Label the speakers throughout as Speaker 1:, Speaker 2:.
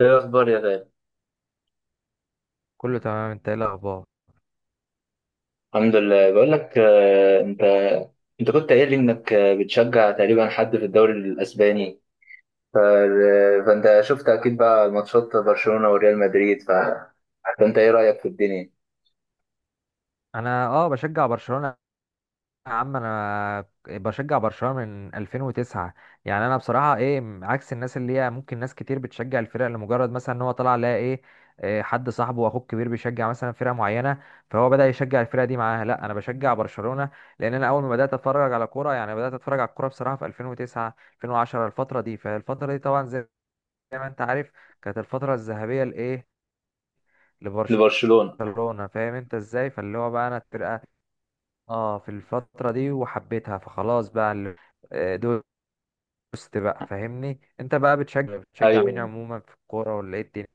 Speaker 1: ايه الاخبار يا غالي؟
Speaker 2: كله تمام، انت ايه الاخبار؟
Speaker 1: الحمد لله. بقول لك، انت كنت قايل لي انك بتشجع تقريبا حد في الدوري الاسباني. ف... آه، فانت شفت اكيد بقى ماتشات برشلونة وريال مدريد. فانت ايه رايك في الدنيا؟
Speaker 2: انا بشجع برشلونة. يا عم انا بشجع برشلونة من 2009. يعني انا بصراحة عكس الناس اللي هي ممكن ناس كتير بتشجع الفرق لمجرد مثلا ان هو طلع لها ايه. حد صاحبه واخوه الكبير بيشجع مثلا فرقة معينة فهو بدأ يشجع الفرقة دي معاها. لا، انا بشجع برشلونة لان انا اول ما بدأت اتفرج على كورة، يعني بدأت اتفرج على الكورة بصراحة في 2009 2010، الفترة دي. فالفترة دي طبعا زي ما انت عارف كانت الفترة الذهبية لايه، لبرشلونة.
Speaker 1: لبرشلونة.
Speaker 2: فاهم انت ازاي؟ فاللي هو بقى انا الفرقة اه في الفترة دي وحبيتها فخلاص. بقى ال- آه، دوست بقى، فاهمني؟ انت بقى بتشجع مين
Speaker 1: ايوه،
Speaker 2: عموما في الكورة ولا ايه الدنيا؟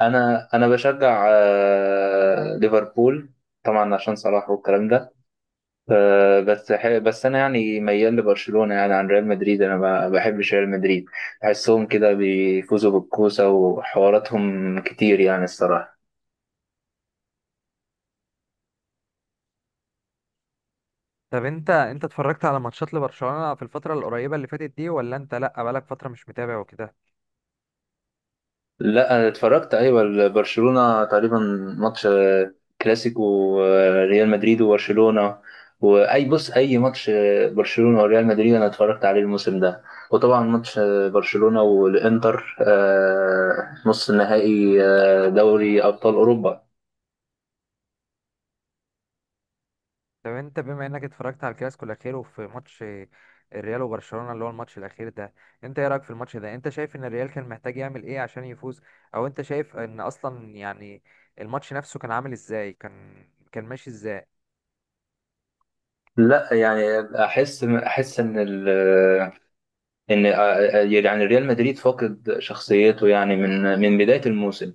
Speaker 1: انا بشجع ليفربول، طبعا عشان صلاح والكلام ده. بس انا يعني ميال لبرشلونه يعني، عن ريال مدريد. انا ما بحبش ريال مدريد، بحسهم كده بيفوزوا بالكوسه وحواراتهم كتير يعني الصراحه.
Speaker 2: طب انت اتفرجت على ماتشات لبرشلونة في الفترة القريبة اللي فاتت دي، ولا انت لا بقالك فترة مش متابع وكده؟
Speaker 1: لا، انا اتفرجت، ايوه، برشلونه تقريبا ماتش، كلاسيكو ريال مدريد وبرشلونه. واي، بص، اي ماتش برشلونه وريال مدريد انا اتفرجت عليه الموسم ده. وطبعا ماتش برشلونه والانتر، نص النهائي دوري ابطال اوروبا.
Speaker 2: طب انت بما انك اتفرجت على الكلاسيكو الاخير وفي ماتش آه، الريال وبرشلونة، اللي هو الماتش الاخير ده، انت ايه رأيك في الماتش ده؟ انت شايف ان الريال كان محتاج يعمل ايه عشان يفوز؟ او انت شايف ان اصلا يعني الماتش نفسه كان عامل ازاي، كان ماشي ازاي؟
Speaker 1: لا يعني احس ان يعني ريال مدريد فاقد شخصيته يعني، من بدايه الموسم.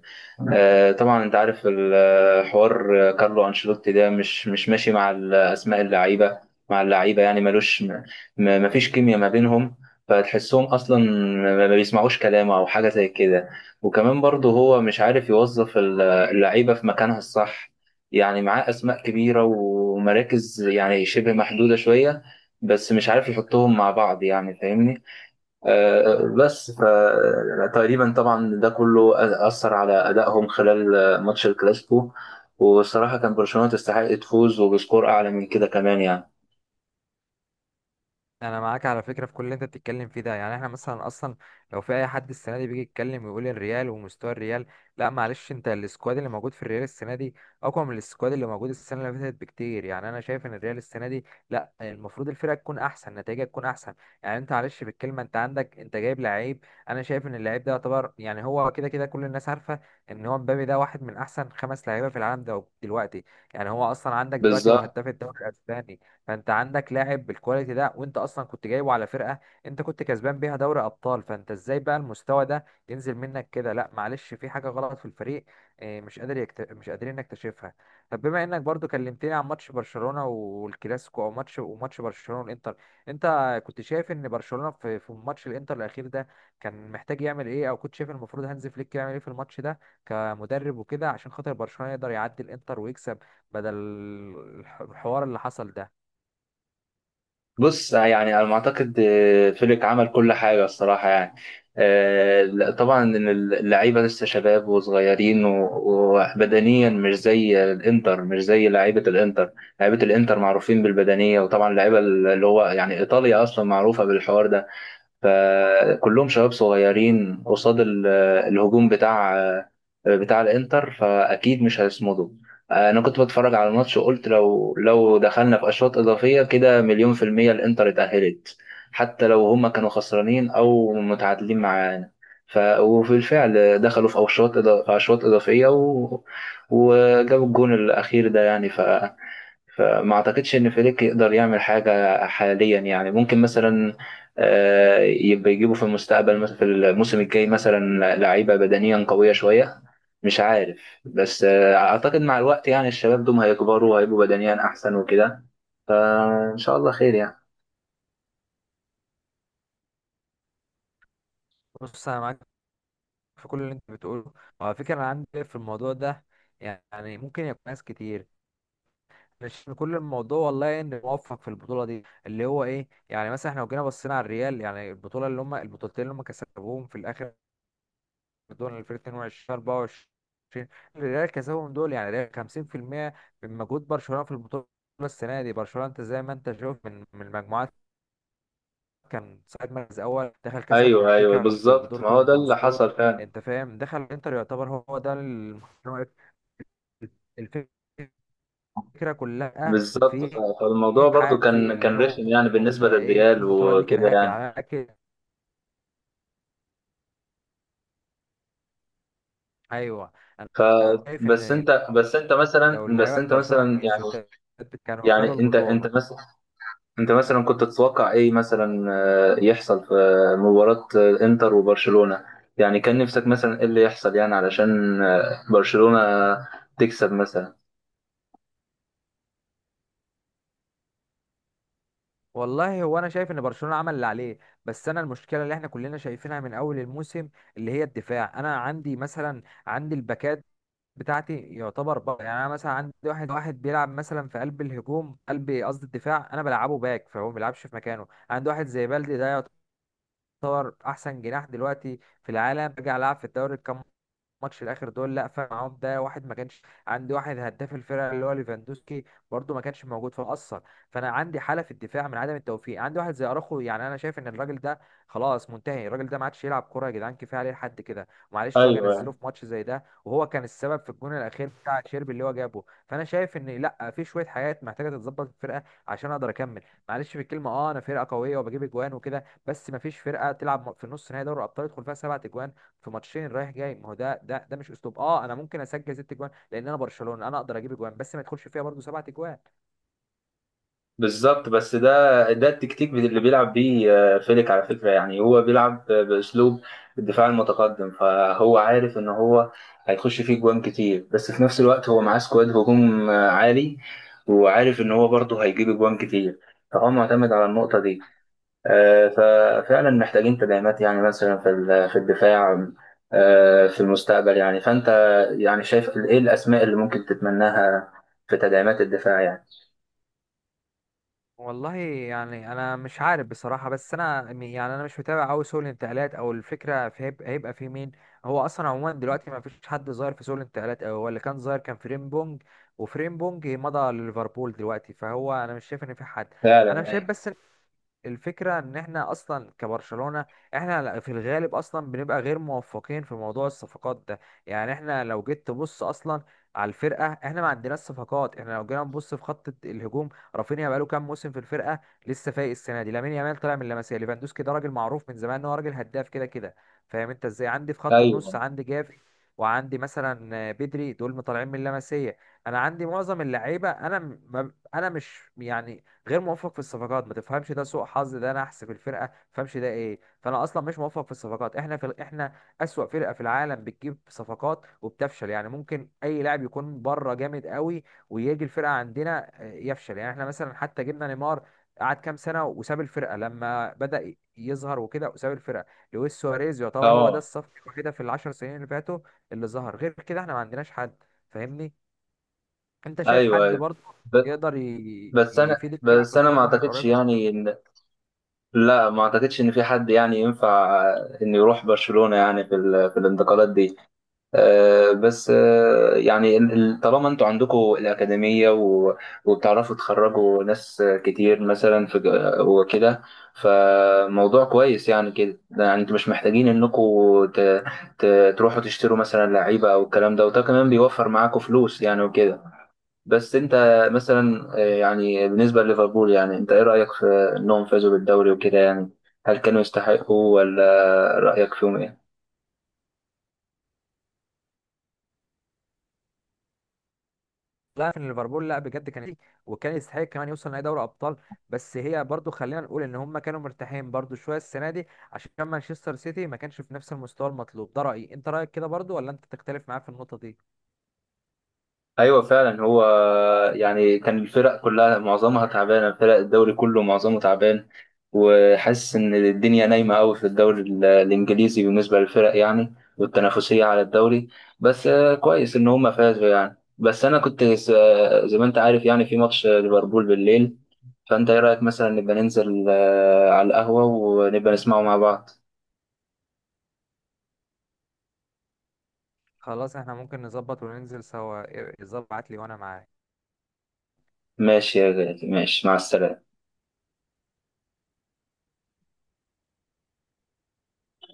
Speaker 1: طبعا انت عارف الحوار، كارلو انشيلوتي ده مش ماشي مع اسماء اللعيبه، مع اللعيبه، يعني ملوش مفيش كيمياء ما بينهم. فتحسهم اصلا ما بيسمعوش كلامه او حاجه زي كده. وكمان برضه هو مش عارف يوظف اللعيبه في مكانها الصح. يعني معاه اسماء كبيره ومراكز يعني شبه محدوده شويه، بس مش عارف يحطهم مع بعض، يعني فاهمني. بس فتقريبا طبعا ده كله أثر على أدائهم خلال ماتش الكلاسيكو. والصراحة كان برشلونة تستحق تفوز وبسكور أعلى من كده كمان يعني.
Speaker 2: انا معاك على فكره في كل اللي انت بتتكلم فيه ده. يعني احنا مثلا اصلا لو في اي حد السنه دي بيجي يتكلم ويقول الريال ومستوى الريال، لا معلش، انت السكواد اللي موجود في الريال السنه دي اقوى من السكواد اللي موجود السنه اللي فاتت بكتير. يعني انا شايف ان الريال السنه دي، لا، المفروض الفرقه تكون احسن، نتائجها تكون احسن. يعني انت معلش بالكلمه، انت عندك، انت جايب لعيب، انا شايف ان اللعيب ده يعتبر، يعني هو كده كده كل الناس عارفه ان هو مبابي ده واحد من احسن خمس لعيبه في العالم ده دلوقتي. يعني هو اصلا عندك دلوقتي هو
Speaker 1: بالظبط.
Speaker 2: هداف الدوري الاسباني. فانت عندك لاعب بالكواليتي ده، وانت اصلا كنت جايبه على فرقه انت كنت كسبان بيها دوري ابطال، فانت ازاي بقى المستوى ده ينزل منك كده؟ لا معلش، في حاجه غلط في الفريق مش قادر مش قادرين نكتشفها. طب بما انك برضو كلمتني عن ماتش برشلونه والكلاسيكو او ماتش برشلونه والانتر، انت كنت شايف ان برشلونه في ماتش الانتر الاخير ده كان محتاج يعمل ايه؟ او كنت شايف المفروض هانز فليك يعمل ايه في الماتش ده كمدرب وكده، عشان خاطر برشلونه يقدر يعدي الانتر ويكسب بدل الحوار اللي حصل ده؟
Speaker 1: بص يعني أنا ما أعتقد فليك عمل كل حاجة الصراحة يعني. لا، طبعا إن اللعيبة لسه شباب وصغيرين وبدنيا مش زي الإنتر، مش زي لعيبة الإنتر. لعيبة الإنتر معروفين بالبدنية، وطبعا اللعيبة اللي هو يعني إيطاليا أصلا معروفة بالحوار ده. فكلهم شباب صغيرين قصاد الهجوم بتاع الانتر، فاكيد مش هيصمدوا. انا كنت بتفرج على الماتش وقلت لو دخلنا في اشواط اضافيه كده، مليون في الميه الانتر اتاهلت، حتى لو هما كانوا خسرانين او متعادلين معانا. وفي الفعل دخلوا في اشواط اضافيه وجابوا الجون الاخير ده يعني. فما اعتقدش ان فليك يقدر يعمل حاجه حاليا يعني. ممكن مثلا يبقى يجيبوا في المستقبل مثلا، في الموسم الجاي مثلا، لعيبه بدنيا قويه شويه. مش عارف، بس اعتقد مع الوقت يعني الشباب دول هيكبروا وهيبقوا بدنيا احسن وكده، فان شاء الله خير يعني.
Speaker 2: بص انا معاك في كل اللي انت بتقوله. وعلى فكره انا عندي في الموضوع ده، يعني ممكن يكون ناس كتير، مش كل الموضوع والله ان موفق في البطوله دي اللي هو ايه. يعني مثلا احنا لو جينا بصينا على الريال، يعني البطوله اللي هم البطولتين اللي هم كسبوهم في الاخر دول، 2022 24، الريال كسبهم دول، يعني الريال 50% من مجهود برشلونه في البطوله. السنه دي برشلونه انت زي ما انت شايف، من المجموعات كان ساعد مركز اول، دخل كسب
Speaker 1: ايوه، ايوه،
Speaker 2: بنفيكا
Speaker 1: بالظبط، ما هو ده
Speaker 2: بدورتموند
Speaker 1: اللي
Speaker 2: بسكور،
Speaker 1: حصل فعلا.
Speaker 2: انت فاهم؟ دخل انتر يعتبر هو ده الفكره كلها
Speaker 1: بالظبط،
Speaker 2: في
Speaker 1: فالموضوع برضو
Speaker 2: حاجه، في
Speaker 1: كان
Speaker 2: اللي
Speaker 1: كان
Speaker 2: هو
Speaker 1: رخم يعني بالنسبه
Speaker 2: ايه،
Speaker 1: للريال
Speaker 2: البطوله دي
Speaker 1: وكده
Speaker 2: كرهاك
Speaker 1: يعني.
Speaker 2: على اكل. ايوه،
Speaker 1: ف
Speaker 2: انا شايف
Speaker 1: بس
Speaker 2: ان
Speaker 1: انت بس انت مثلا
Speaker 2: لو
Speaker 1: بس
Speaker 2: اللعيبه
Speaker 1: انت
Speaker 2: برشلونه
Speaker 1: مثلا يعني،
Speaker 2: التيشيرتات كانوا خدوا
Speaker 1: يعني انت
Speaker 2: البطوله.
Speaker 1: مثلا، انت مثلا كنت تتوقع ايه مثلا يحصل في مباراة انتر وبرشلونة. يعني كان نفسك مثلا ايه اللي يحصل يعني، علشان برشلونة تكسب مثلا.
Speaker 2: والله هو انا شايف ان برشلونه عمل اللي عليه. بس انا المشكله اللي احنا كلنا شايفينها من اول الموسم اللي هي الدفاع. انا عندي مثلا عندي الباكات بتاعتي يعتبر بقى، يعني انا مثلا عندي واحد بيلعب مثلا في قلب الهجوم، قلب قصدي الدفاع، انا بلعبه باك فهو ما بيلعبش في مكانه. عندي واحد زي بلدي ده يعتبر احسن جناح دلوقتي في العالم، رجع لعب في الدوري كام ماتش الاخر دول، لا فرق معاهم ده واحد. ما كانش عندي واحد هداف الفرقه اللي هو ليفاندوسكي، برده ما كانش موجود فاثر. فانا عندي حاله في الدفاع من عدم التوفيق. عندي واحد زي اراخو، يعني انا شايف ان الراجل ده خلاص منتهي، الراجل ده ما عادش يلعب كوره يا جدعان، كفايه عليه لحد كده معلش، واجي انزله
Speaker 1: ايوه،
Speaker 2: في ماتش زي ده وهو كان السبب في الجون الاخير بتاع شيربي اللي هو جابه. فانا شايف ان لا، في شويه حاجات محتاجه تتظبط في الفرقه عشان اقدر اكمل. معلش في الكلمه، اه انا فرقه قويه وبجيب اجوان وكده، بس ما فيش فرقه تلعب في نص نهائي دوري الابطال يدخل فيها سبعة اجوان في ماتشين رايح جاي. ما هو ده ده مش اسلوب. اه انا ممكن اسجل ست اجوان لان انا برشلونه انا اقدر اجيب اجوان، بس ما يدخلش فيها برضو سبعة اجوان.
Speaker 1: بالظبط. بس ده، ده التكتيك اللي بيلعب بيه فيليك على فكرة. يعني هو بيلعب بأسلوب الدفاع المتقدم، فهو عارف إن هو هيخش فيه جوان كتير. بس في نفس الوقت هو معاه سكواد هجوم عالي، وعارف إن هو برضه هيجيب جوان كتير، فهو معتمد على النقطة دي. آه، ففعلا محتاجين تدعيمات يعني، مثلا في في الدفاع في المستقبل يعني. فأنت يعني شايف إيه الأسماء اللي ممكن تتمناها في تدعيمات الدفاع يعني؟
Speaker 2: والله يعني انا مش عارف بصراحه، بس يعني انا مش متابع قوي سوق الانتقالات، او الفكره في هيبقى في مين. هو اصلا عموما دلوقتي ما فيش حد ظاهر في سوق الانتقالات أوي، هو اللي كان ظاهر كان فريمبونج، وفريمبونج مضى لليفربول دلوقتي، فهو انا مش شايف ان في حد. انا
Speaker 1: فعلا،
Speaker 2: شايف
Speaker 1: أيوه،
Speaker 2: بس الفكرة ان احنا اصلا كبرشلونة احنا في الغالب اصلا بنبقى غير موفقين في موضوع الصفقات ده. يعني احنا لو جيت تبص اصلا على الفرقة، احنا ما عندناش صفقات. احنا لو جينا نبص في خط الهجوم، رافينيا بقاله كام موسم في الفرقه، لسه فايق السنه دي. لامين يامال طالع من لاماسيا. ليفاندوسكي ده راجل معروف من زمان ان هو راجل هداف كده كده، فاهم انت ازاي؟ عندي في خط النص
Speaker 1: أيوه،
Speaker 2: عندي جافي، وعندي مثلا بدري، دول طالعين من لاماسيا. انا عندي معظم اللعيبه، انا م- ما- انا مش يعني غير موفق في الصفقات، ما تفهمش ده سوء حظ، ده نحس في الفرقه، ما تفهمش ده ايه. فانا اصلا مش موفق في الصفقات. احنا في احنا اسوأ فرقه في العالم بتجيب صفقات وبتفشل. يعني ممكن اي لاعب يكون بره جامد قوي ويجي الفرقه عندنا يفشل. يعني احنا مثلا حتى جبنا نيمار، قعد كام سنه وساب الفرقه لما بدأ يظهر وكده، وساب الفرقه. لويس سواريز يعتبر هو ده
Speaker 1: اه،
Speaker 2: الصف كده في العشر سنين اللي فاتوا اللي ظهر، غير كده احنا ما عندناش حد، فاهمني؟ انت شايف
Speaker 1: ايوه،
Speaker 2: حد
Speaker 1: ايوه.
Speaker 2: برضه
Speaker 1: ب-
Speaker 2: يقدر
Speaker 1: بس انا
Speaker 2: يفيد الفرقه في
Speaker 1: بس انا ما
Speaker 2: الفتره
Speaker 1: اعتقدش
Speaker 2: القريبه؟
Speaker 1: يعني ان، لا، ما اعتقدش ان في حد يعني ينفع ان يروح برشلونة يعني في في الانتقالات دي. بس يعني طالما انتوا عندكم الاكاديمية وبتعرفوا تخرجوا ناس كتير مثلا في وكده، فموضوع كويس يعني كده. يعني انتوا مش محتاجين انكم ت... ت... تروحوا تشتروا مثلا لعيبة او الكلام ده، وده كمان بيوفر معاكم فلوس يعني وكده. بس انت مثلا يعني بالنسبة لليفربول، يعني انت ايه رأيك في انهم فازوا بالدوري وكده يعني؟ هل كانوا يستحقوا، ولا رأيك فيهم ايه؟
Speaker 2: لا، في ليفربول، لا بجد كان وكان يستحق كمان يوصل نهائي دوري ابطال. بس هي برضه خلينا نقول ان هم كانوا مرتاحين برضه شويه السنه دي عشان مانشستر سيتي ما كانش في نفس المستوى المطلوب. ده رأيي، انت رأيك كده برضه ولا انت تختلف معايا في النقطة دي؟
Speaker 1: ايوه، فعلا، هو يعني كان الفرق كلها معظمها تعبانة، فرق الدوري كله معظمه تعبان. وحاسس ان الدنيا نايمة قوي في الدوري الانجليزي بالنسبة للفرق يعني، والتنافسية على الدوري. بس كويس ان هم فازوا يعني. بس انا كنت زي ما انت عارف يعني، في ماتش ليفربول بالليل، فأنت إيه رأيك مثلا نبقى ننزل على القهوة ونبقى نسمعه مع بعض؟
Speaker 2: خلاص احنا ممكن نظبط وننزل سوا، ظبط لي وانا معاك.
Speaker 1: ماشي يا غالي، ماشي، مع السلامة.